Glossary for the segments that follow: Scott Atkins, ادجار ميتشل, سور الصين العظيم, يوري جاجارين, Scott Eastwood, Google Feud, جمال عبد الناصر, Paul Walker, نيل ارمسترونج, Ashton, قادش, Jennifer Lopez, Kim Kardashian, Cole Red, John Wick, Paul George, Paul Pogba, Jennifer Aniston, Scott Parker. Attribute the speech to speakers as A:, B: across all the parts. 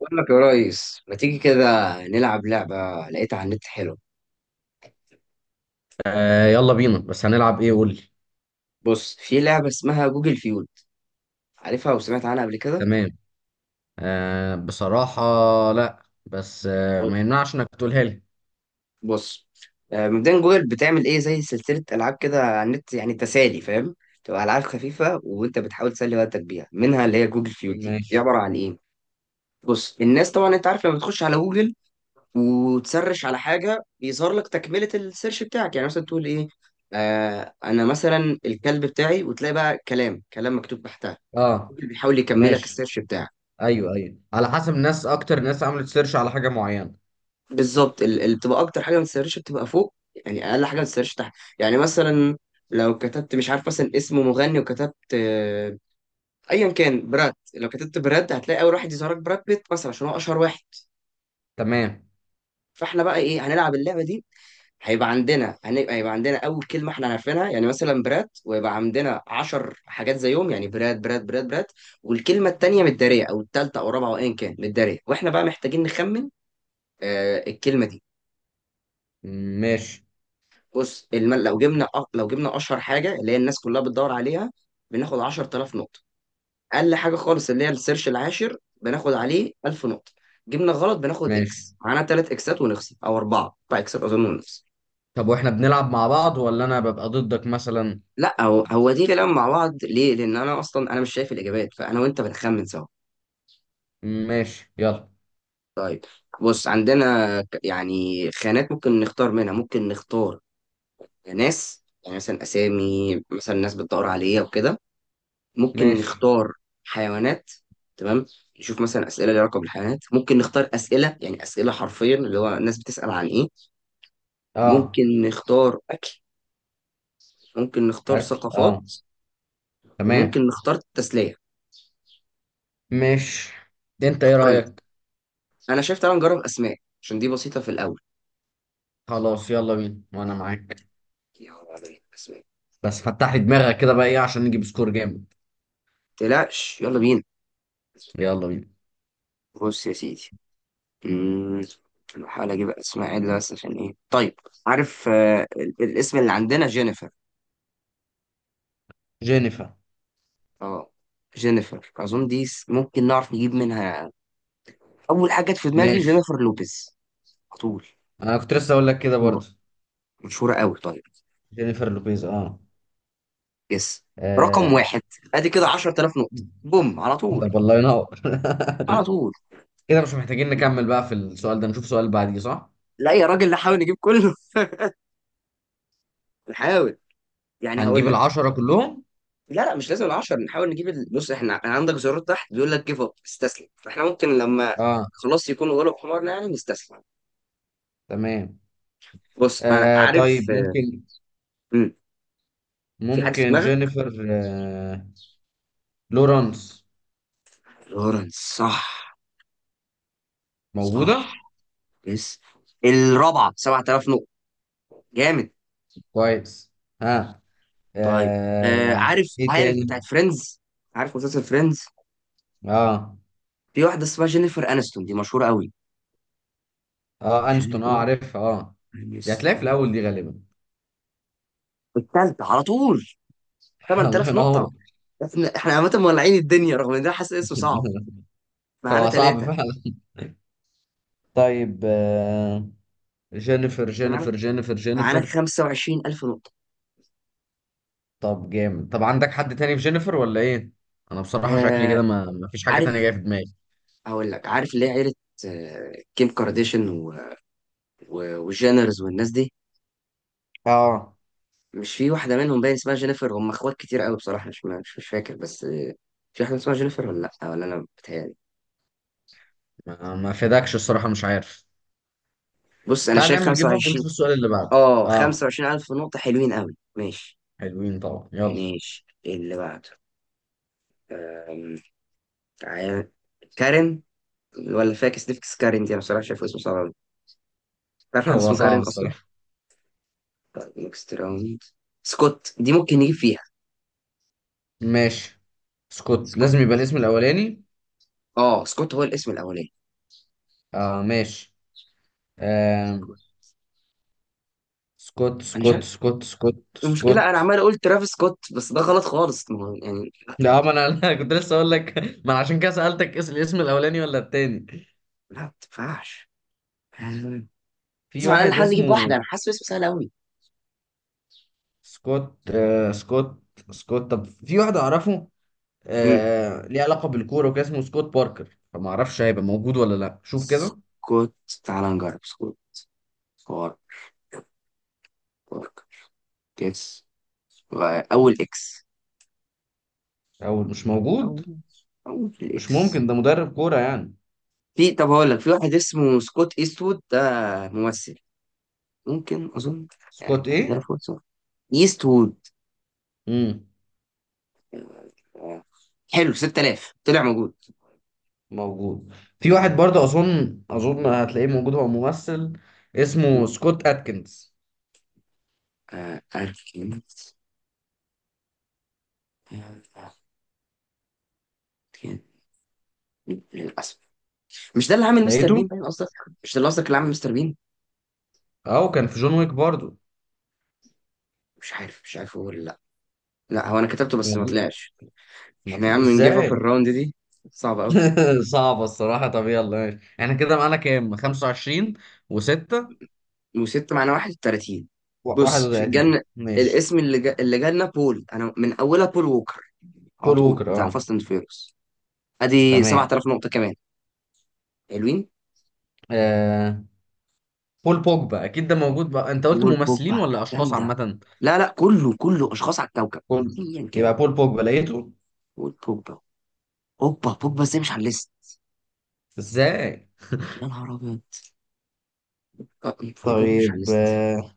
A: بقول لك يا ريس، ما تيجي كده نلعب لعبة؟ لقيتها على النت، حلوة.
B: آه يلا بينا، بس هنلعب ايه؟ قول لي.
A: بص، في لعبة اسمها جوجل فيول. عارفها وسمعت عنها قبل كده؟
B: تمام. بصراحة، لا بس
A: ب-
B: ما يمنعش انك تقولها لي.
A: بص. مبدئيا جوجل بتعمل ايه زي سلسلة ألعاب كده على النت، يعني تسالي، فاهم؟ تبقى ألعاب خفيفة وانت بتحاول تسلي وقتك بيها، منها اللي هي جوجل فيول. دي
B: ماشي.
A: عبارة عن ايه؟ بص، الناس طبعا انت عارف لما بتخش على جوجل وتسرش على حاجة، بيظهر لك تكملة السيرش بتاعك، يعني مثلا تقول ايه. آه، انا مثلا الكلب بتاعي، وتلاقي بقى كلام، كلام مكتوب تحتها،
B: اه.
A: اللي بيحاول يكملك
B: ماشي.
A: السيرش بتاعك.
B: ايوه ايوه، على حسب الناس، اكتر ناس عملت سيرش على حاجة معينة.
A: بالظبط، اللي بتبقى اكتر حاجه ما تسيرش بتبقى فوق، يعني اقل حاجه ما تسيرش تحت. يعني مثلا، لو كتبت، مش عارف، مثلا اسم مغني، وكتبت ايا كان براد، لو كتبت براد هتلاقي اول واحد يظهرك براد بيت مثلا، عشان هو اشهر واحد.
B: تمام.
A: فاحنا بقى ايه، هنلعب اللعبه دي. هيبقى عندنا هيبقى عندنا اول كلمه احنا عارفينها، يعني مثلا براد، ويبقى عندنا 10 حاجات زيهم، يعني براد براد براد براد، والكلمه التانيه متداريه، او التالته او الرابعه او ايا كان متداريه، واحنا بقى محتاجين نخمن الكلمه دي.
B: ماشي.
A: بص، لو جبنا لو جبنا اشهر حاجه، اللي هي الناس كلها بتدور عليها، بناخد 10000 نقطه. اقل حاجه خالص، اللي هي السيرش العاشر، بناخد عليه 1000 نقطه. جبنا غلط، بناخد
B: ماشي.
A: اكس، معانا ثلاث اكسات ونخسر، او اربعه، اربع اكسات اظن، ونخسر.
B: طب واحنا بنلعب مع بعض ولا انا ببقى ضدك مثلا؟
A: لا، هو دي كلام مع بعض، ليه؟ لان انا اصلا، انا مش شايف الاجابات، فانا وانت بنخمن سوا.
B: ماشي يلا.
A: طيب، بص عندنا يعني خانات ممكن نختار منها، ممكن نختار ناس، يعني مثلا اسامي، مثلا ناس بتدور عليها وكده. ممكن
B: ماشي.
A: نختار حيوانات. تمام. نشوف مثلا اسئله ليها علاقه بالحيوانات. ممكن نختار اسئله، يعني اسئله حرفيا، اللي هو الناس بتسال عن ايه.
B: اه.
A: ممكن نختار اكل. ممكن نختار
B: اكل،
A: ثقافات.
B: اه. تمام.
A: وممكن نختار تسليه.
B: ماشي. انت ايه
A: اختار انت.
B: رأيك؟
A: انا شايف تعالى نجرب اسماء، عشان دي بسيطه في الاول.
B: خلاص يلا بينا وانا معاك.
A: يلا بينا اسماء.
B: بس فتح لي دماغك كده بقى، ايه عشان نجيب سكور جامد.
A: تقلقش، يلا بينا.
B: يلا بينا.
A: بص يا سيدي، أمم، بحاول اجيب اسماء عدله، بس عشان ايه، طيب؟ عارف الاسم اللي عندنا جينيفر.
B: جينيفر.
A: اه، جينيفر اظن دي ممكن نعرف نجيب منها. اول حاجه جت في دماغي
B: ماشي.
A: جينيفر لوبيز، على طول.
B: انا كنت لسه اقول لك كده
A: مشهوره،
B: برضه.
A: مشهوره قوي طيب.
B: جينيفر لوبيز اه.
A: يس. رقم
B: آه.
A: واحد. ادي كده 10000 نقطه، بوم على طول.
B: طب والله ينور.
A: على طول.
B: كده مش محتاجين نكمل بقى في السؤال ده، نشوف سؤال بعديه، صح؟
A: لا يا راجل، نحاول نجيب كله. نحاول. يعني
B: هنجيب
A: هقول لك.
B: العشرة كلهم.
A: لا لا، مش لازم العشر، نحاول نجيب بص احنا، أنا عندك زرار تحت بيقول لك جيف اب، استسلم، فاحنا ممكن لما
B: اه.
A: خلاص يكون غلب حمارنا يعني، نستسلم.
B: تمام.
A: بص انا
B: آه
A: عارف.
B: طيب ممكن،
A: مم. في حد في
B: ممكن
A: دماغك؟
B: جينيفر لورانس؟
A: لورنس، صح. صح.
B: موجودة.
A: يس. الرابعه، 7000 نقطه، جامد.
B: كويس. ها.
A: طيب،
B: آه.
A: عارف،
B: ايه
A: عارف
B: تاني؟
A: بتاعت فريندز؟ عارف مسلسل فريندز؟
B: اه.
A: في واحدة اسمها جينيفر انستون، دي مشهورة قوي.
B: اه انشتون، اه
A: جينيفر
B: عارفها، اه. دي هتلاقي في
A: انستون.
B: الاول دي غالبا.
A: التالتة على طول.
B: الله
A: 8000 نقطة.
B: ينور.
A: احنا عامة مولعين الدنيا، رغم ان ده حاسس اسمه صعب. معانا
B: هو صعب
A: ثلاثة.
B: فعلا. طيب جينيفر
A: احنا معانا،
B: جينيفر جينيفر جينيفر.
A: 25000 نقطة.
B: طب جامد، طب عندك حد تاني في جينيفر ولا ايه؟ انا بصراحة شكلي
A: آه
B: كده ما فيش حاجة
A: عارف،
B: تانية جاية في دماغي.
A: هقول لك، عارف اللي هي عيلة آه كيم كارديشن و... و... وجينرز والناس دي،
B: اه.
A: مش في واحدة منهم باين اسمها جينيفر؟ هم اخوات كتير قوي بصراحة. مش فاكر، بس في واحدة اسمها جينيفر، ولا لا، ولا انا بتهيألي.
B: ما فداكش الصراحة، مش عارف.
A: بص انا
B: تعال
A: شايف
B: نعمل جيف اب
A: 25،
B: ونشوف السؤال اللي بعده.
A: اه
B: اه.
A: 25 الف نقطة، حلوين قوي. ماشي
B: حلوين طبعا، يلا.
A: ماشي، إيه اللي بعده؟ أم... تعال. كارين، ولا فاكس نفكس، كارين دي انا بصراحة شايف اسمه صعب قوي. تعرف حد
B: هو
A: اسمه كارين
B: صعب
A: اصلا؟
B: الصراحة.
A: طيب، نكست راوند. سكوت دي ممكن نجيب فيها.
B: ماشي، سكوت
A: سكوت.
B: لازم يبقى الاسم الاولاني.
A: اه، سكوت هو الاسم الاولاني.
B: اه ماشي. آه.
A: سكوت.
B: سكوت
A: انا مش
B: سكوت
A: عارف.
B: سكوت سكوت سكوت.
A: المشكلة انا عمال اقول ترافيس سكوت، بس ده غلط خالص. ما هو يعني لا،
B: لا ما انا أنا كنت لسه اقول لك، ما انا عشان كده سألتك الاسم الاولاني ولا التاني.
A: لا ما تنفعش. لازم
B: في
A: على الاقل
B: واحد
A: نحاول نجيب واحدة، انا
B: اسمه
A: حاسس اسمه سهل قوي.
B: سكوت، آه سكوت سكوت. طب في واحد اعرفه،
A: مم.
B: آه، ليه علاقة بالكورة وكده، اسمه سكوت باركر، فما اعرفش هيبقى موجود ولا لا. شوف كده.
A: سكوت. تعال نجرب سكوت فار، بارك، كيس. اول اكس.
B: او مش موجود.
A: اول اول
B: مش ممكن،
A: اكس.
B: ده مدرب كورة يعني.
A: في، طب هقول لك في واحد اسمه سكوت ايستوود، ده ممثل ممكن، اظن. يعني
B: سكوت
A: عندنا
B: ايه؟
A: فرصه. ايستوود.
B: امم
A: آه، حلو، 6000، طلع موجود.
B: موجود. في واحد برضه اظن، اظن هتلاقيه موجود، هو ممثل، اسمه سكوت اتكنز.
A: أركنت. آه، أركنت. للأسف. مش ده اللي عامل مستر
B: لقيته.
A: بين، باين قصدك. مش ده اللي قصدك اللي عامل مستر بين.
B: اه وكان في جون ويك برضو.
A: مش عارف، مش عارف هو ولا لا. لا، هو انا كتبته بس ما
B: يعني
A: طلعش.
B: ما
A: احنا يا
B: طل...
A: عم نجيب اب
B: ازاي؟
A: الراوند دي، صعبه قوي.
B: صعبة الصراحة. طب يلا ماشي. احنا كده معانا كام، 25 و6؟
A: وستة معناه واحد وتلاتين. بص، في
B: 31
A: الجنة
B: ماشي.
A: الاسم اللي جالنا بول. انا من اولها بول ووكر، على
B: بول
A: طول،
B: ووكر
A: بتاع
B: اه.
A: فاست اند فيروس. ادي
B: تمام.
A: 7000 نقطة كمان، حلوين.
B: آه... بول بوجبا اكيد ده موجود بقى. انت قلت ممثلين
A: والبوبا،
B: ولا اشخاص
A: جامدة.
B: عامة؟
A: لا لا، كله كله اشخاص على الكوكب.
B: بول.
A: ايا كان.
B: يبقى بول بوجبا لقيته.
A: والبوبا. اوبا، بوبا ازاي مش على الليست؟
B: ازاي؟
A: يا نهار ابيض. آه، والبوبا مش على
B: طيب
A: الليست.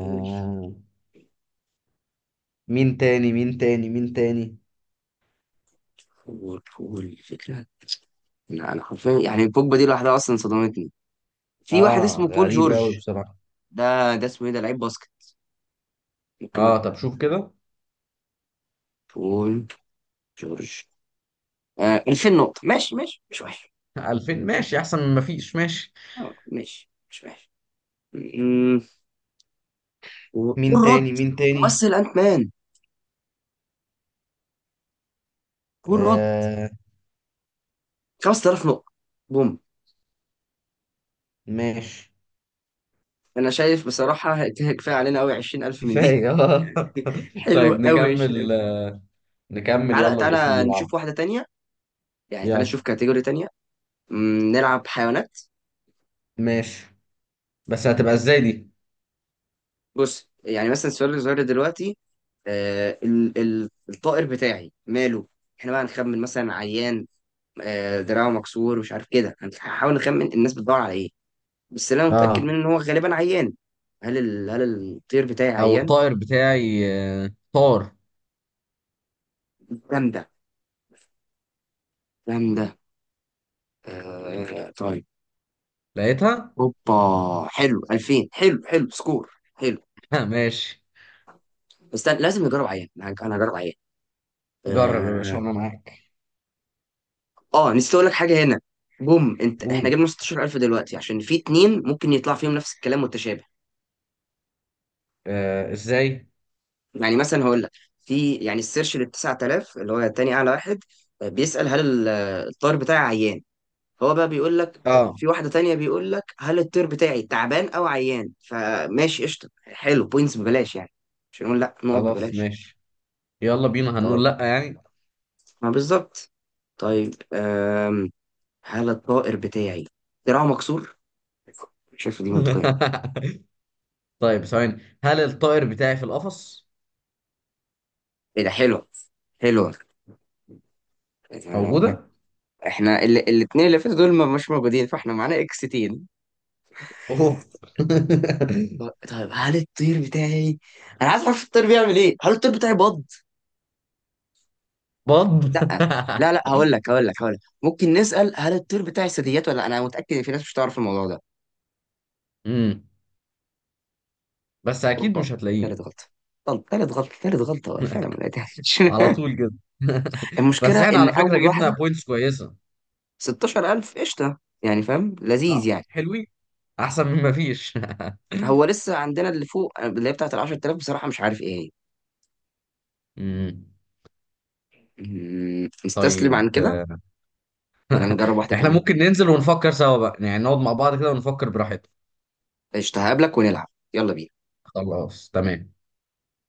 A: قول،
B: مين تاني، مين تاني، مين تاني؟
A: قول قول الفكرة. لا انا حرفيا يعني البوجبا دي لوحدها اصلا صدمتني. في واحد
B: اه
A: اسمه بول
B: غريبة قوي
A: جورج.
B: بصراحة.
A: ده اسمه ايه؟ ده لعيب باسكت. ممكن.
B: اه طب شوف كده.
A: بول جورج. 2000 نقطة، ماشي ماشي مش وحش.
B: 2000
A: مش
B: ماشي،
A: وحش.
B: احسن من مفيش، ماشي.
A: ماشي، مش وحش. م- كول
B: مين
A: رد،
B: تاني، مين تاني؟
A: ممثل أنت مان. كول رد.
B: آه.
A: 5000 نقطة، بوم.
B: ماشي.
A: أنا شايف بصراحة كده كفاية علينا أوي، 20000 من دي.
B: كفاية. آه.
A: حلوة
B: طيب
A: أوي،
B: نكمل
A: 20000.
B: آه، نكمل
A: تعالى
B: يلا، الاسم اللي
A: تعالى
B: بعده.
A: نشوف واحدة تانية، يعني تعالى
B: يلا.
A: نشوف كاتيجوري تانية. م، نلعب حيوانات.
B: ماشي. بس هتبقى ازاي دي؟
A: بص يعني مثلا، السؤال اللي ظهر دلوقتي، الطائر بتاعي ماله. احنا بقى نخمن مثلا عيان، دراعه مكسور ومش عارف كده. هنحاول نخمن الناس بتدور على ايه، بس اللي انا متاكد
B: اه.
A: منه ان هو غالبا عيان. هل هل الطير بتاعي
B: او
A: عيان.
B: الطائر بتاعي. آه طار.
A: جامده جامده. آه طيب.
B: لقيتها.
A: اوبا، حلو، 2000، حلو حلو سكور. حلو.
B: ها ماشي.
A: بس أنا لازم نجرب عيان، أنا هجرب عيان.
B: جرب يا باشا
A: اه.
B: وانا معاك.
A: نسيت اقول لك حاجه هنا. بوم انت، احنا
B: قول.
A: جبنا 16000 دلوقتي، عشان في اتنين ممكن يطلع فيهم نفس الكلام متشابه.
B: آه ازاي؟
A: يعني مثلا هقول لك، في يعني السيرش لل 9000، اللي هو تاني اعلى واحد، بيسأل هل ال- الطير بتاعي عيان. هو بقى بيقول لك،
B: اه.
A: في واحدة تانية بيقول لك هل الطير بتاعي تعبان او عيان. فماشي قشطة، حلو، بوينتس ببلاش يعني، مش هنقول لا، نقط
B: خلاص
A: ببلاش.
B: ماشي. يلا بينا
A: طبعا.
B: هنقول لا يعني.
A: ما بالظبط. طيب، هل الطائر بتاعي دراعه مكسور. شايف دي منطقية.
B: طيب ثواني، هل الطائر بتاعي في القفص؟
A: ايه ده، حلوة. حلوة. آه،
B: موجودة؟
A: احنا الاتنين اللي فاتوا دول مش موجودين، فاحنا معانا اكس تين.
B: اوف.
A: طيب، هل الطير بتاعي، انا عايز اعرف الطير بيعمل ايه، هل الطير بتاعي بط؟
B: بط.
A: لا. لا لا، هقول لك ممكن نسأل هل الطير بتاعي ثدييات ولا لأ؟ انا متأكد ان في ناس مش هتعرف الموضوع ده.
B: امم بس اكيد
A: اوبا،
B: مش هتلاقيه.
A: تالت غلطة. طب، تالت غلطة، تالت غلطة فعلا ما لقيتهاش.
B: على طول كده. بس
A: المشكلة
B: احنا
A: ان
B: على فكرة
A: اول
B: جبنا
A: واحدة،
B: بوينتس كويسة.
A: 16000 قشطة يعني، فاهم؟ لذيذ
B: اه
A: يعني.
B: حلوين. احسن من ما فيش.
A: هو لسه عندنا اللي فوق اللي هي بتاعت ال 10000، بصراحة مش عارف ايه هي.
B: امم.
A: نستسلم
B: طيب.
A: عن كده، ولا نجرب واحدة
B: احنا
A: كمان؟
B: ممكن ننزل ونفكر سوا بقى يعني، نقعد مع بعض كده ونفكر براحتنا.
A: قشطة، هقابلك ونلعب. يلا بينا.
B: خلاص تمام.